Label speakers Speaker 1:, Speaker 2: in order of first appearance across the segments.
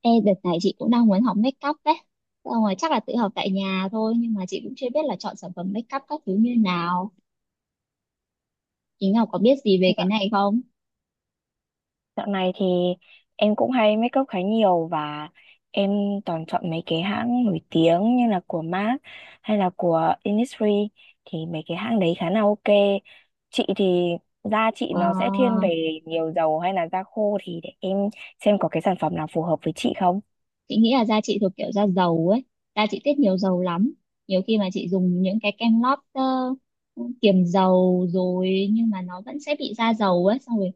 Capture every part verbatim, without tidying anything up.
Speaker 1: Ê, đợt này chị cũng đang muốn học make up đấy. Xong rồi chắc là tự học tại nhà thôi, nhưng mà chị cũng chưa biết là chọn sản phẩm make up các thứ như nào. Chị Ngọc có biết gì về
Speaker 2: Dạ,
Speaker 1: cái này không?
Speaker 2: dạo này thì em cũng hay make up khá nhiều và em toàn chọn mấy cái hãng nổi tiếng như là của MAC hay là của Innisfree thì mấy cái hãng đấy khá là ok. Chị thì da chị
Speaker 1: Ờ,
Speaker 2: nó sẽ thiên về nhiều dầu hay là da khô thì để em xem có cái sản phẩm nào phù hợp với chị không.
Speaker 1: chị nghĩ là da chị thuộc kiểu da dầu ấy. Da chị tiết nhiều dầu lắm. Nhiều khi mà chị dùng những cái kem lót ờ, kiềm dầu rồi nhưng mà nó vẫn sẽ bị da dầu ấy. Xong rồi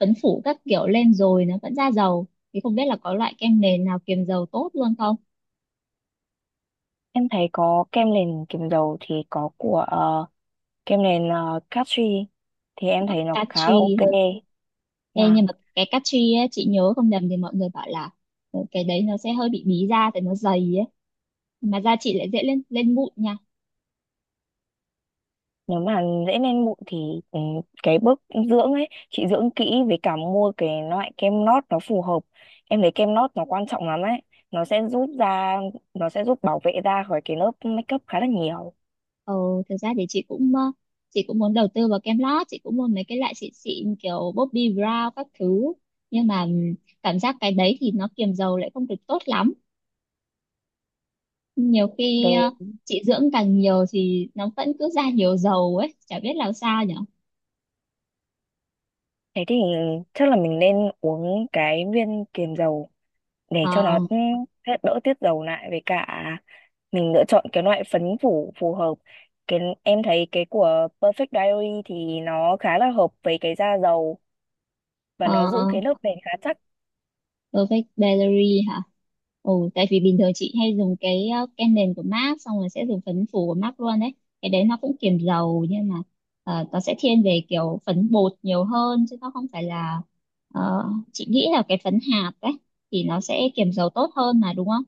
Speaker 1: phấn phủ các kiểu lên rồi nó vẫn da dầu. Thì không biết là có loại kem nền nào kiềm dầu tốt luôn không?
Speaker 2: Em thấy có kem nền kiềm dầu thì có của ờ, kem nền uh, Castri thì em
Speaker 1: Ờ,
Speaker 2: thấy nó khá là
Speaker 1: Catchy.
Speaker 2: ok.
Speaker 1: Ê,
Speaker 2: Và
Speaker 1: nhưng mà cái castri á, chị nhớ không nhầm thì mọi người bảo là ờ, cái đấy nó sẽ hơi bị bí da tại nó dày ấy. Mà da chị lại dễ lên lên mụn nha.
Speaker 2: nếu mà dễ lên mụn thì ừ, cái bước dưỡng ấy chị dưỡng kỹ với cả mua cái loại kem nót nó phù hợp, em thấy kem nót nó quan trọng lắm ấy, nó sẽ giúp da, nó sẽ giúp bảo vệ da khỏi cái lớp makeup khá là nhiều.
Speaker 1: Ờ, Thực ra thì chị cũng ờ, chị cũng muốn đầu tư vào kem lót, chị cũng mua mấy cái loại xịn xịn kiểu Bobbi Brown các thứ. Nhưng mà ừm, cảm giác cái đấy thì nó kiềm dầu lại không được tốt lắm. Nhiều khi ờ,
Speaker 2: về
Speaker 1: chị dưỡng càng nhiều thì nó vẫn cứ ra nhiều dầu ấy, chả biết làm sao nhở.
Speaker 2: Thế thì chắc là mình nên uống cái viên kiềm dầu để cho
Speaker 1: Ờ,
Speaker 2: nó ừ, hết đỡ tiết dầu lại, với cả mình lựa chọn cái loại phấn phủ phù hợp. Cái em thấy cái của Perfect Diary thì nó khá là hợp với cái da dầu và
Speaker 1: ờ.
Speaker 2: nó giữ cái lớp bền khá chắc.
Speaker 1: Perfect Diary hả? Ồ, tại vì bình thường chị hay dùng cái ờ, kem nền của mác xong rồi sẽ dùng phấn phủ của mác luôn đấy. Cái đấy nó cũng kiềm dầu nhưng mà ờ, nó sẽ thiên về kiểu phấn bột nhiều hơn chứ nó không phải là ờ, chị nghĩ là cái phấn hạt đấy thì nó sẽ kiềm dầu tốt hơn mà đúng không?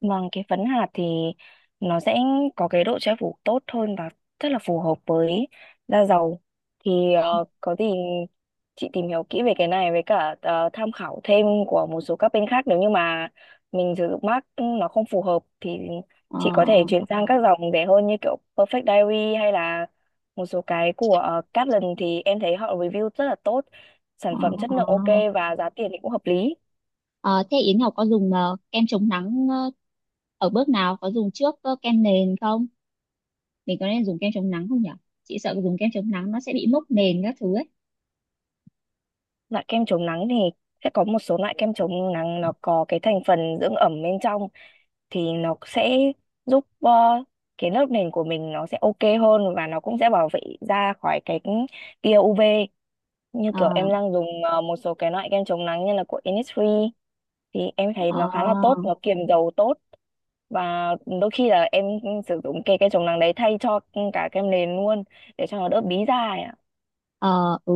Speaker 2: Vâng, cái phấn hạt thì nó sẽ có cái độ che phủ tốt hơn và rất là phù hợp với da dầu. Thì
Speaker 1: Ờ,
Speaker 2: ờ, có gì chị tìm hiểu kỹ về cái này với cả ờ, tham khảo thêm của một số các bên khác, nếu như mà mình sử dụng mác nó không phù hợp thì
Speaker 1: ờ,
Speaker 2: chị có thể chuyển sang các dòng rẻ hơn như kiểu Perfect Diary hay là một số cái của ờ, Kaplan, thì em thấy họ review rất là tốt, sản
Speaker 1: ờ.
Speaker 2: phẩm chất
Speaker 1: Ờ,
Speaker 2: lượng ok và giá tiền thì cũng hợp lý.
Speaker 1: Ờ, Thế Yến Ngọc có dùng ờ, kem chống nắng ờ, ở bước nào? Có dùng trước ờ, kem nền không? Mình có nên dùng kem chống nắng không nhỉ? Chị sợ dùng kem chống nắng nó sẽ bị mốc nền các thứ ấy.
Speaker 2: Loại kem chống nắng thì sẽ có một số loại kem chống nắng nó có cái thành phần dưỡng ẩm bên trong, thì nó sẽ giúp ờ, cái lớp nền của mình nó sẽ ok hơn và nó cũng sẽ bảo vệ da khỏi cái tia u vi, như
Speaker 1: Ờ,
Speaker 2: kiểu em đang dùng ờ, một số cái loại kem chống nắng như là của Innisfree thì em thấy nó khá là tốt,
Speaker 1: ờ,
Speaker 2: nó kiềm dầu tốt. Và đôi khi là em sử dụng cái kem chống nắng đấy thay cho cả kem nền luôn, để cho nó đỡ bí da.
Speaker 1: ờ, ừ,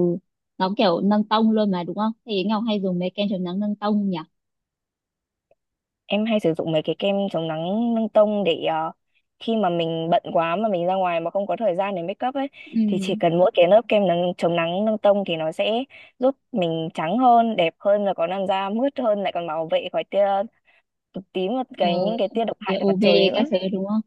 Speaker 1: nó kiểu nâng tông luôn mà đúng không? Thì Ngọc hay dùng mấy kem chống nắng nâng tông nhỉ?
Speaker 2: Em hay sử dụng mấy cái kem chống nắng nâng tông để ờ, khi mà mình bận quá mà mình ra ngoài mà không có thời gian để make up ấy,
Speaker 1: Ừ,
Speaker 2: thì chỉ cần mỗi cái lớp kem nắng chống nắng nâng tông thì nó sẽ giúp mình trắng hơn, đẹp hơn và có làn da mướt hơn, lại còn bảo vệ khỏi tia cực tím và
Speaker 1: ờ,
Speaker 2: cái những cái tia độc hại từ mặt trời
Speaker 1: pi âu vi
Speaker 2: nữa.
Speaker 1: các thứ đúng không?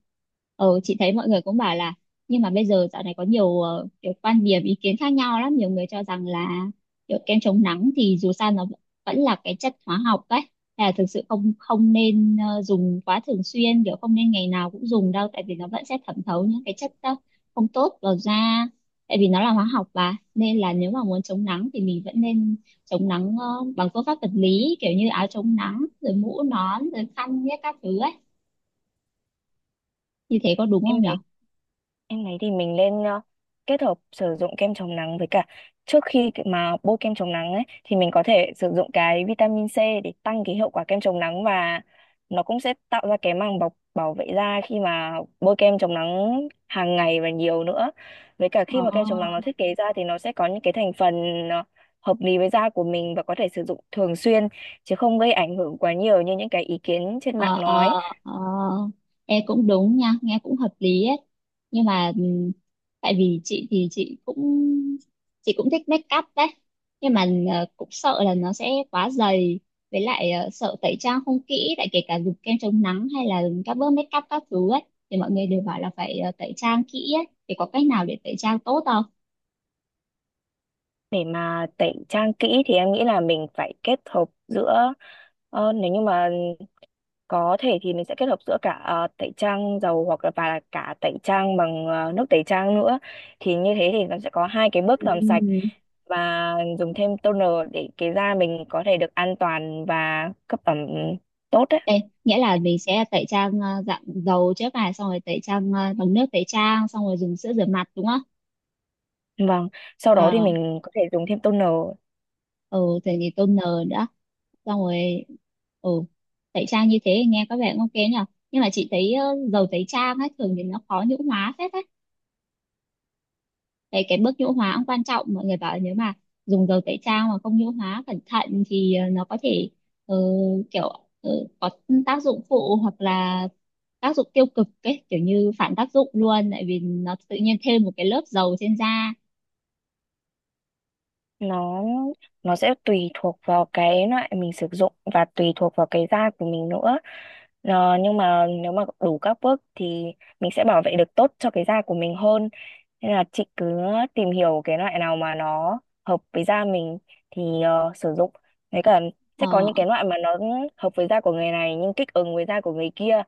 Speaker 1: Ừ, chị thấy mọi người cũng bảo là nhưng mà bây giờ dạo này có nhiều ờ, kiểu quan điểm ý kiến khác nhau lắm, nhiều người cho rằng là kiểu kem chống nắng thì dù sao nó vẫn vẫn là cái chất hóa học đấy, là thực sự không không nên ờ, dùng quá thường xuyên, kiểu không nên ngày nào cũng dùng đâu tại vì nó vẫn sẽ thẩm thấu những cái chất ờ, không tốt vào da tại vì nó là hóa học mà, nên là nếu mà muốn chống nắng thì mình vẫn nên chống nắng ờ, bằng phương pháp vật lý kiểu như áo chống nắng rồi mũ nón rồi khăn nhé các thứ ấy, như thế có đúng
Speaker 2: em
Speaker 1: không
Speaker 2: thấy
Speaker 1: nhở?
Speaker 2: Em thấy thì mình nên ờ, kết hợp sử dụng kem chống nắng với cả trước khi cái- mà bôi kem chống nắng ấy, thì mình có thể sử dụng cái vitamin C để tăng cái hiệu quả kem chống nắng, và nó cũng sẽ tạo ra cái màng bọc bảo vệ da khi mà bôi kem chống nắng hàng ngày và nhiều nữa. Với cả
Speaker 1: ờ
Speaker 2: khi mà kem chống nắng nó thiết kế ra thì nó sẽ có những cái thành phần ờ, hợp lý với da của mình và có thể sử dụng thường xuyên, chứ không gây ảnh hưởng quá nhiều như những cái ý kiến trên mạng
Speaker 1: ờ ờ
Speaker 2: nói.
Speaker 1: ờ em cũng đúng nha, nghe cũng hợp lý ấy, nhưng mà ừm, tại vì chị thì chị cũng chị cũng thích make up đấy, nhưng mà ờ, cũng sợ là nó sẽ quá dày, với lại ờ, sợ tẩy trang không kỹ tại kể cả dùng kem chống nắng hay là dùng các bước make up các thứ ấy thì mọi người đều bảo là phải ờ, tẩy trang kỹ ấy, thì có cách nào để tẩy trang tốt không?
Speaker 2: Để mà tẩy trang kỹ thì em nghĩ là mình phải kết hợp giữa ờ, nếu như mà có thể thì mình sẽ kết hợp giữa cả ờ, tẩy trang dầu hoặc là và cả tẩy trang bằng ờ, nước tẩy trang nữa, thì như thế thì nó sẽ có hai cái bước
Speaker 1: Ừ,
Speaker 2: làm sạch, và dùng thêm toner để cái da mình có thể được an toàn và cấp ẩm tốt đấy.
Speaker 1: Ê, nghĩa là mình sẽ tẩy trang ờ, dạng dầu trước này xong rồi tẩy trang ờ, bằng nước tẩy trang xong rồi dùng sữa rửa mặt đúng không?
Speaker 2: Vâng, sau đó thì
Speaker 1: Ờ,
Speaker 2: mình có thể dùng thêm toner.
Speaker 1: ừ, thì thì toner nữa, xong rồi, ừ, tẩy trang như thế nghe có vẻ cũng ok nhỉ? Nhưng mà chị thấy ờ, dầu tẩy trang ấy thường thì nó khó nhũ hóa phết á. Đấy, cái bước nhũ hóa cũng quan trọng, mọi người bảo là nếu mà dùng dầu tẩy trang mà không nhũ hóa cẩn thận thì ờ, nó có thể ờ, kiểu ờ, có tác dụng phụ hoặc là tác dụng tiêu cực ấy, kiểu như phản tác dụng luôn tại vì nó tự nhiên thêm một cái lớp dầu trên da.
Speaker 2: Nó nó sẽ tùy thuộc vào cái loại mình sử dụng và tùy thuộc vào cái da của mình nữa. Ờ, nhưng mà nếu mà đủ các bước thì mình sẽ bảo vệ được tốt cho cái da của mình hơn. Nên là chị cứ tìm hiểu cái loại nào mà nó hợp với da mình thì ờ, sử dụng. Với cả
Speaker 1: ờ,
Speaker 2: sẽ có những cái loại mà nó hợp với da của người này nhưng kích ứng với da của người kia.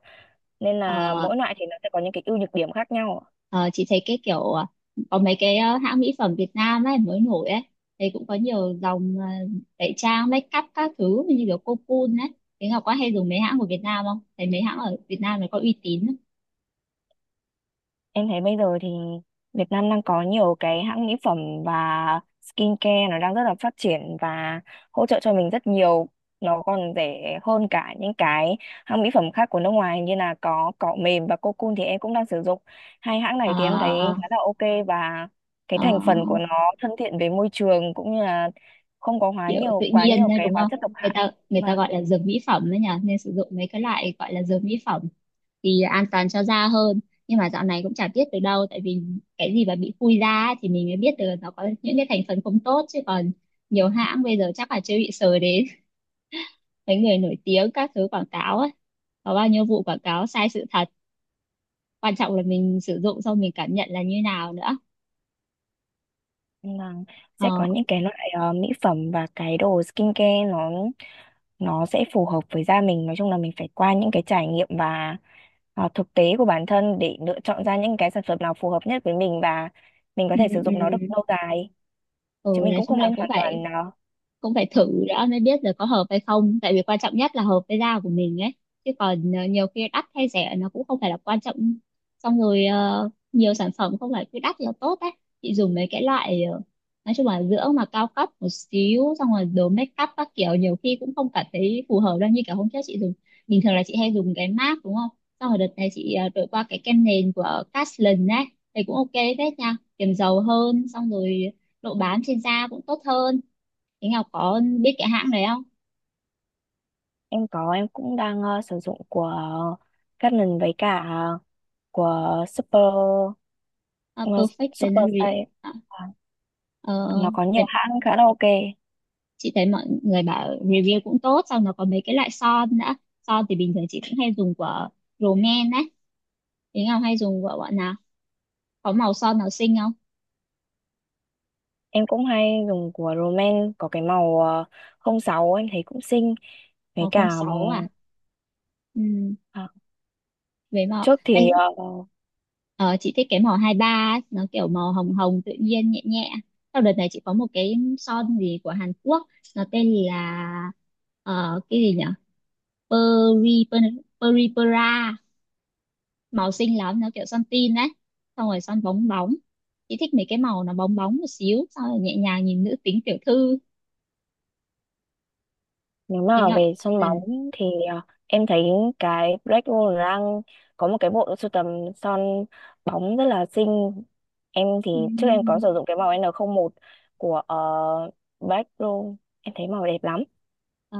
Speaker 2: Nên là
Speaker 1: ờ,
Speaker 2: mỗi loại thì nó sẽ có những cái ưu nhược điểm khác nhau.
Speaker 1: ờ, chị thấy cái kiểu ờ, có mấy cái ờ, hãng mỹ phẩm Việt Nam ấy mới nổi ấy thì cũng có nhiều dòng ờ, tẩy trang make up các thứ như kiểu Cocoon ấy, thế Ngọc có hay dùng mấy hãng của Việt Nam không, thấy mấy hãng ở Việt Nam này có uy tín không?
Speaker 2: Em thấy bây giờ thì Việt Nam đang có nhiều cái hãng mỹ phẩm và skincare, nó đang rất là phát triển và hỗ trợ cho mình rất nhiều. Nó còn rẻ hơn cả những cái hãng mỹ phẩm khác của nước ngoài, như là có cọ mềm và Cocoon thì em cũng đang sử dụng. Hai hãng này thì em thấy
Speaker 1: Ờ,
Speaker 2: khá là ok, và cái
Speaker 1: ờ,
Speaker 2: thành phần của nó thân thiện với môi trường cũng như là không có hóa
Speaker 1: Kiểu
Speaker 2: nhiều
Speaker 1: tự
Speaker 2: quá
Speaker 1: nhiên
Speaker 2: nhiều
Speaker 1: đấy
Speaker 2: cái
Speaker 1: đúng
Speaker 2: hóa
Speaker 1: không,
Speaker 2: chất độc
Speaker 1: người
Speaker 2: hại.
Speaker 1: ta người ta
Speaker 2: Vâng,
Speaker 1: gọi là dược mỹ phẩm đấy nhỉ, nên sử dụng mấy cái loại gọi là dược mỹ phẩm thì an toàn cho da hơn, nhưng mà dạo này cũng chả biết từ đâu, tại vì cái gì mà bị phui da ấy, thì mình mới biết được nó có những cái thành phần không tốt chứ còn nhiều hãng bây giờ chắc là chưa bị sờ đến mấy người nổi tiếng các thứ quảng cáo ấy, có bao nhiêu vụ quảng cáo sai sự thật, quan trọng là mình sử dụng xong mình cảm nhận là như nào nữa.
Speaker 2: vâng. Sẽ có
Speaker 1: ờ
Speaker 2: những cái loại ờ, mỹ phẩm và cái đồ skincare nó nó sẽ phù hợp với da mình, nói chung là mình phải qua những cái trải nghiệm và ờ, thực tế của bản thân để lựa chọn ra những cái sản phẩm nào phù hợp nhất với mình và mình có
Speaker 1: ừ
Speaker 2: thể sử
Speaker 1: ừ
Speaker 2: dụng nó được lâu dài,
Speaker 1: ừ
Speaker 2: chứ mình
Speaker 1: nói
Speaker 2: cũng
Speaker 1: chung
Speaker 2: không
Speaker 1: là
Speaker 2: nên
Speaker 1: cũng
Speaker 2: hoàn
Speaker 1: phải
Speaker 2: toàn ờ,
Speaker 1: cũng phải
Speaker 2: ờ,
Speaker 1: thử đã mới biết là có hợp hay không, tại vì quan trọng nhất là hợp với da của mình ấy, chứ còn ờ, nhiều khi đắt hay rẻ nó cũng không phải là quan trọng, xong rồi ờ, nhiều sản phẩm không phải cứ đắt là tốt ấy. Chị dùng mấy cái loại ờ, nói chung là dưỡng mà cao cấp một xíu xong rồi đồ make up các kiểu nhiều khi cũng không cảm thấy phù hợp đâu, như kiểu hôm trước chị dùng bình thường là chị hay dùng cái mác đúng không, xong rồi đợt này chị ờ, đổi qua cái kem nền của Caslin ấy thì cũng ok phết nha, kiềm dầu hơn, xong rồi độ bám trên da cũng tốt hơn. Thế Ngọc có biết cái hãng đấy không?
Speaker 2: em có em cũng đang ờ, sử dụng của Canon với cả của Super
Speaker 1: À,
Speaker 2: ờ,
Speaker 1: Perfect
Speaker 2: Super Style.
Speaker 1: Delivery. À,
Speaker 2: Ờ,
Speaker 1: ờ,
Speaker 2: nó có nhiều
Speaker 1: thế
Speaker 2: hãng khá là ok.
Speaker 1: chị thấy mọi người bảo review cũng tốt, xong nó có mấy cái loại son nữa. Son thì bình thường chị cũng hay dùng của Romaine ấy. Thế Ngọc hay dùng của bọn nào? Có màu son nào xinh không?
Speaker 2: Em cũng hay dùng của Roman, có cái màu ờ, không sáu em thấy cũng xinh, với
Speaker 1: Màu
Speaker 2: cả
Speaker 1: không sáu à? Ừ, với màu...
Speaker 2: trước thì
Speaker 1: Ê,
Speaker 2: ờ,
Speaker 1: Ờ, chị thích cái màu hai mươi ba nó kiểu màu hồng hồng tự nhiên nhẹ nhẹ, sau đợt này chị có một cái son gì của Hàn Quốc, nó tên là ờ, cái gì nhở, Peri Per- Peripera, màu xinh lắm, nó kiểu son tin đấy, xong rồi son bóng bóng, chị thích mấy cái màu nó bóng bóng một xíu xong rồi nhẹ nhàng nhìn nữ tính tiểu thư
Speaker 2: nếu
Speaker 1: tính
Speaker 2: mà
Speaker 1: không?
Speaker 2: về sân
Speaker 1: Ừ,
Speaker 2: bóng thì ờ, em thấy cái Black Wall đang có một cái bộ sưu tầm son bóng rất là xinh. Em thì trước em có
Speaker 1: Ừm.
Speaker 2: sử dụng cái màu en không một của uh, Black Roll. Em thấy màu đẹp lắm.
Speaker 1: Ờ,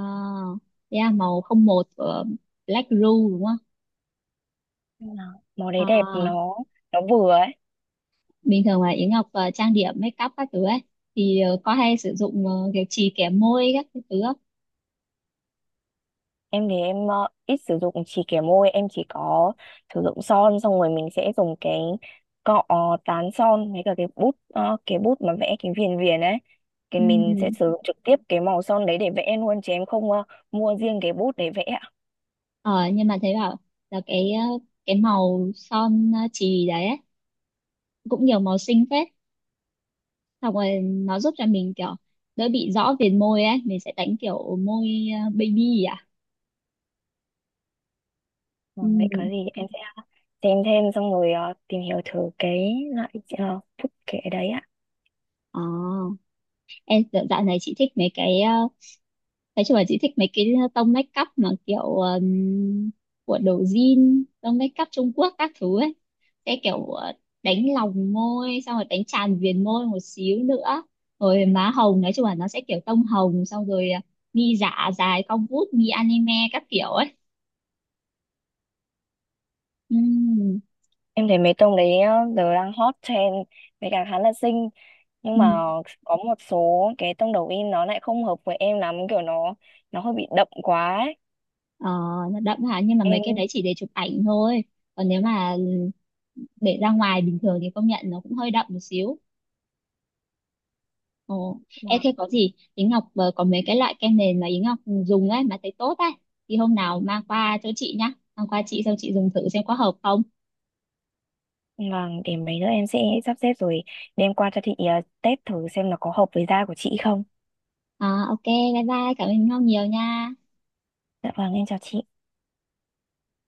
Speaker 1: thế à, màu không một của Black Rose đúng không?
Speaker 2: Vâng ạ. Màu đấy
Speaker 1: Ờ,
Speaker 2: đẹp, nó nó vừa ấy.
Speaker 1: bình thường mà Yến Ngọc ờ, trang điểm make up các thứ ấy thì ờ, có hay sử dụng ờ, kiểu chì kẻ môi các cái thứ không?
Speaker 2: Em thì em ờ, ít sử dụng chì kẻ môi, em chỉ có sử dụng son xong rồi mình sẽ dùng cái cọ tán son với cả cái bút ờ, cái bút mà vẽ cái viền viền ấy. Cái mình sẽ
Speaker 1: Ừm,
Speaker 2: sử dụng trực tiếp cái màu son đấy để vẽ luôn chứ em không ờ, mua riêng cái bút để vẽ ạ.
Speaker 1: Ờ, nhưng mà thấy bảo là cái ờ, cái màu son ờ, chì đấy ấy, cũng nhiều màu xinh phết, xong rồi nó giúp cho mình kiểu đỡ bị rõ viền môi ấy, mình sẽ đánh kiểu môi ờ, baby à.
Speaker 2: Ờ, vậy có
Speaker 1: Ừm,
Speaker 2: gì em sẽ xem thêm xong rồi ờ, tìm hiểu thử cái loại ờ, bút kẻ đấy ạ.
Speaker 1: ờ. Em, dạo dạo này chị thích mấy cái ờ, nói chung là chị thích mấy cái ờ, tông make up mà kiểu um, của đồ jean tông make up Trung Quốc các thứ ấy, sẽ kiểu ờ, đánh lòng môi xong rồi đánh tràn viền môi một xíu nữa, rồi má hồng nói chung là nó sẽ kiểu tông hồng xong rồi ờ, mi giả dài cong vút mi anime các kiểu ấy. Ừm,
Speaker 2: Em thấy mấy tông đấy á, giờ đang hot trend với cả khá là xinh, nhưng mà
Speaker 1: ừm.
Speaker 2: có một số cái tông đầu in nó lại không hợp với em lắm, kiểu nó nó hơi bị đậm quá ấy.
Speaker 1: Ờ, nó đậm hả, nhưng mà mấy cái
Speaker 2: Em
Speaker 1: đấy chỉ để chụp ảnh thôi còn nếu mà để ra ngoài bình thường thì công nhận nó cũng hơi đậm một xíu. Ồ, em,
Speaker 2: vâng,
Speaker 1: thế có gì Yến Ngọc ờ, có mấy cái loại kem nền mà Yến Ngọc dùng ấy mà thấy tốt ấy thì hôm nào mang qua chỗ chị nhá, mang qua chị xong chị dùng thử xem có hợp không.
Speaker 2: vâng, để mấy nữa em sẽ sắp xếp rồi đem qua cho chị ờ, test thử xem nó có hợp với da của chị không.
Speaker 1: À, ok, bye bye, cảm ơn Yến Ngọc nhiều nha.
Speaker 2: Dạ vâng, em chào chị.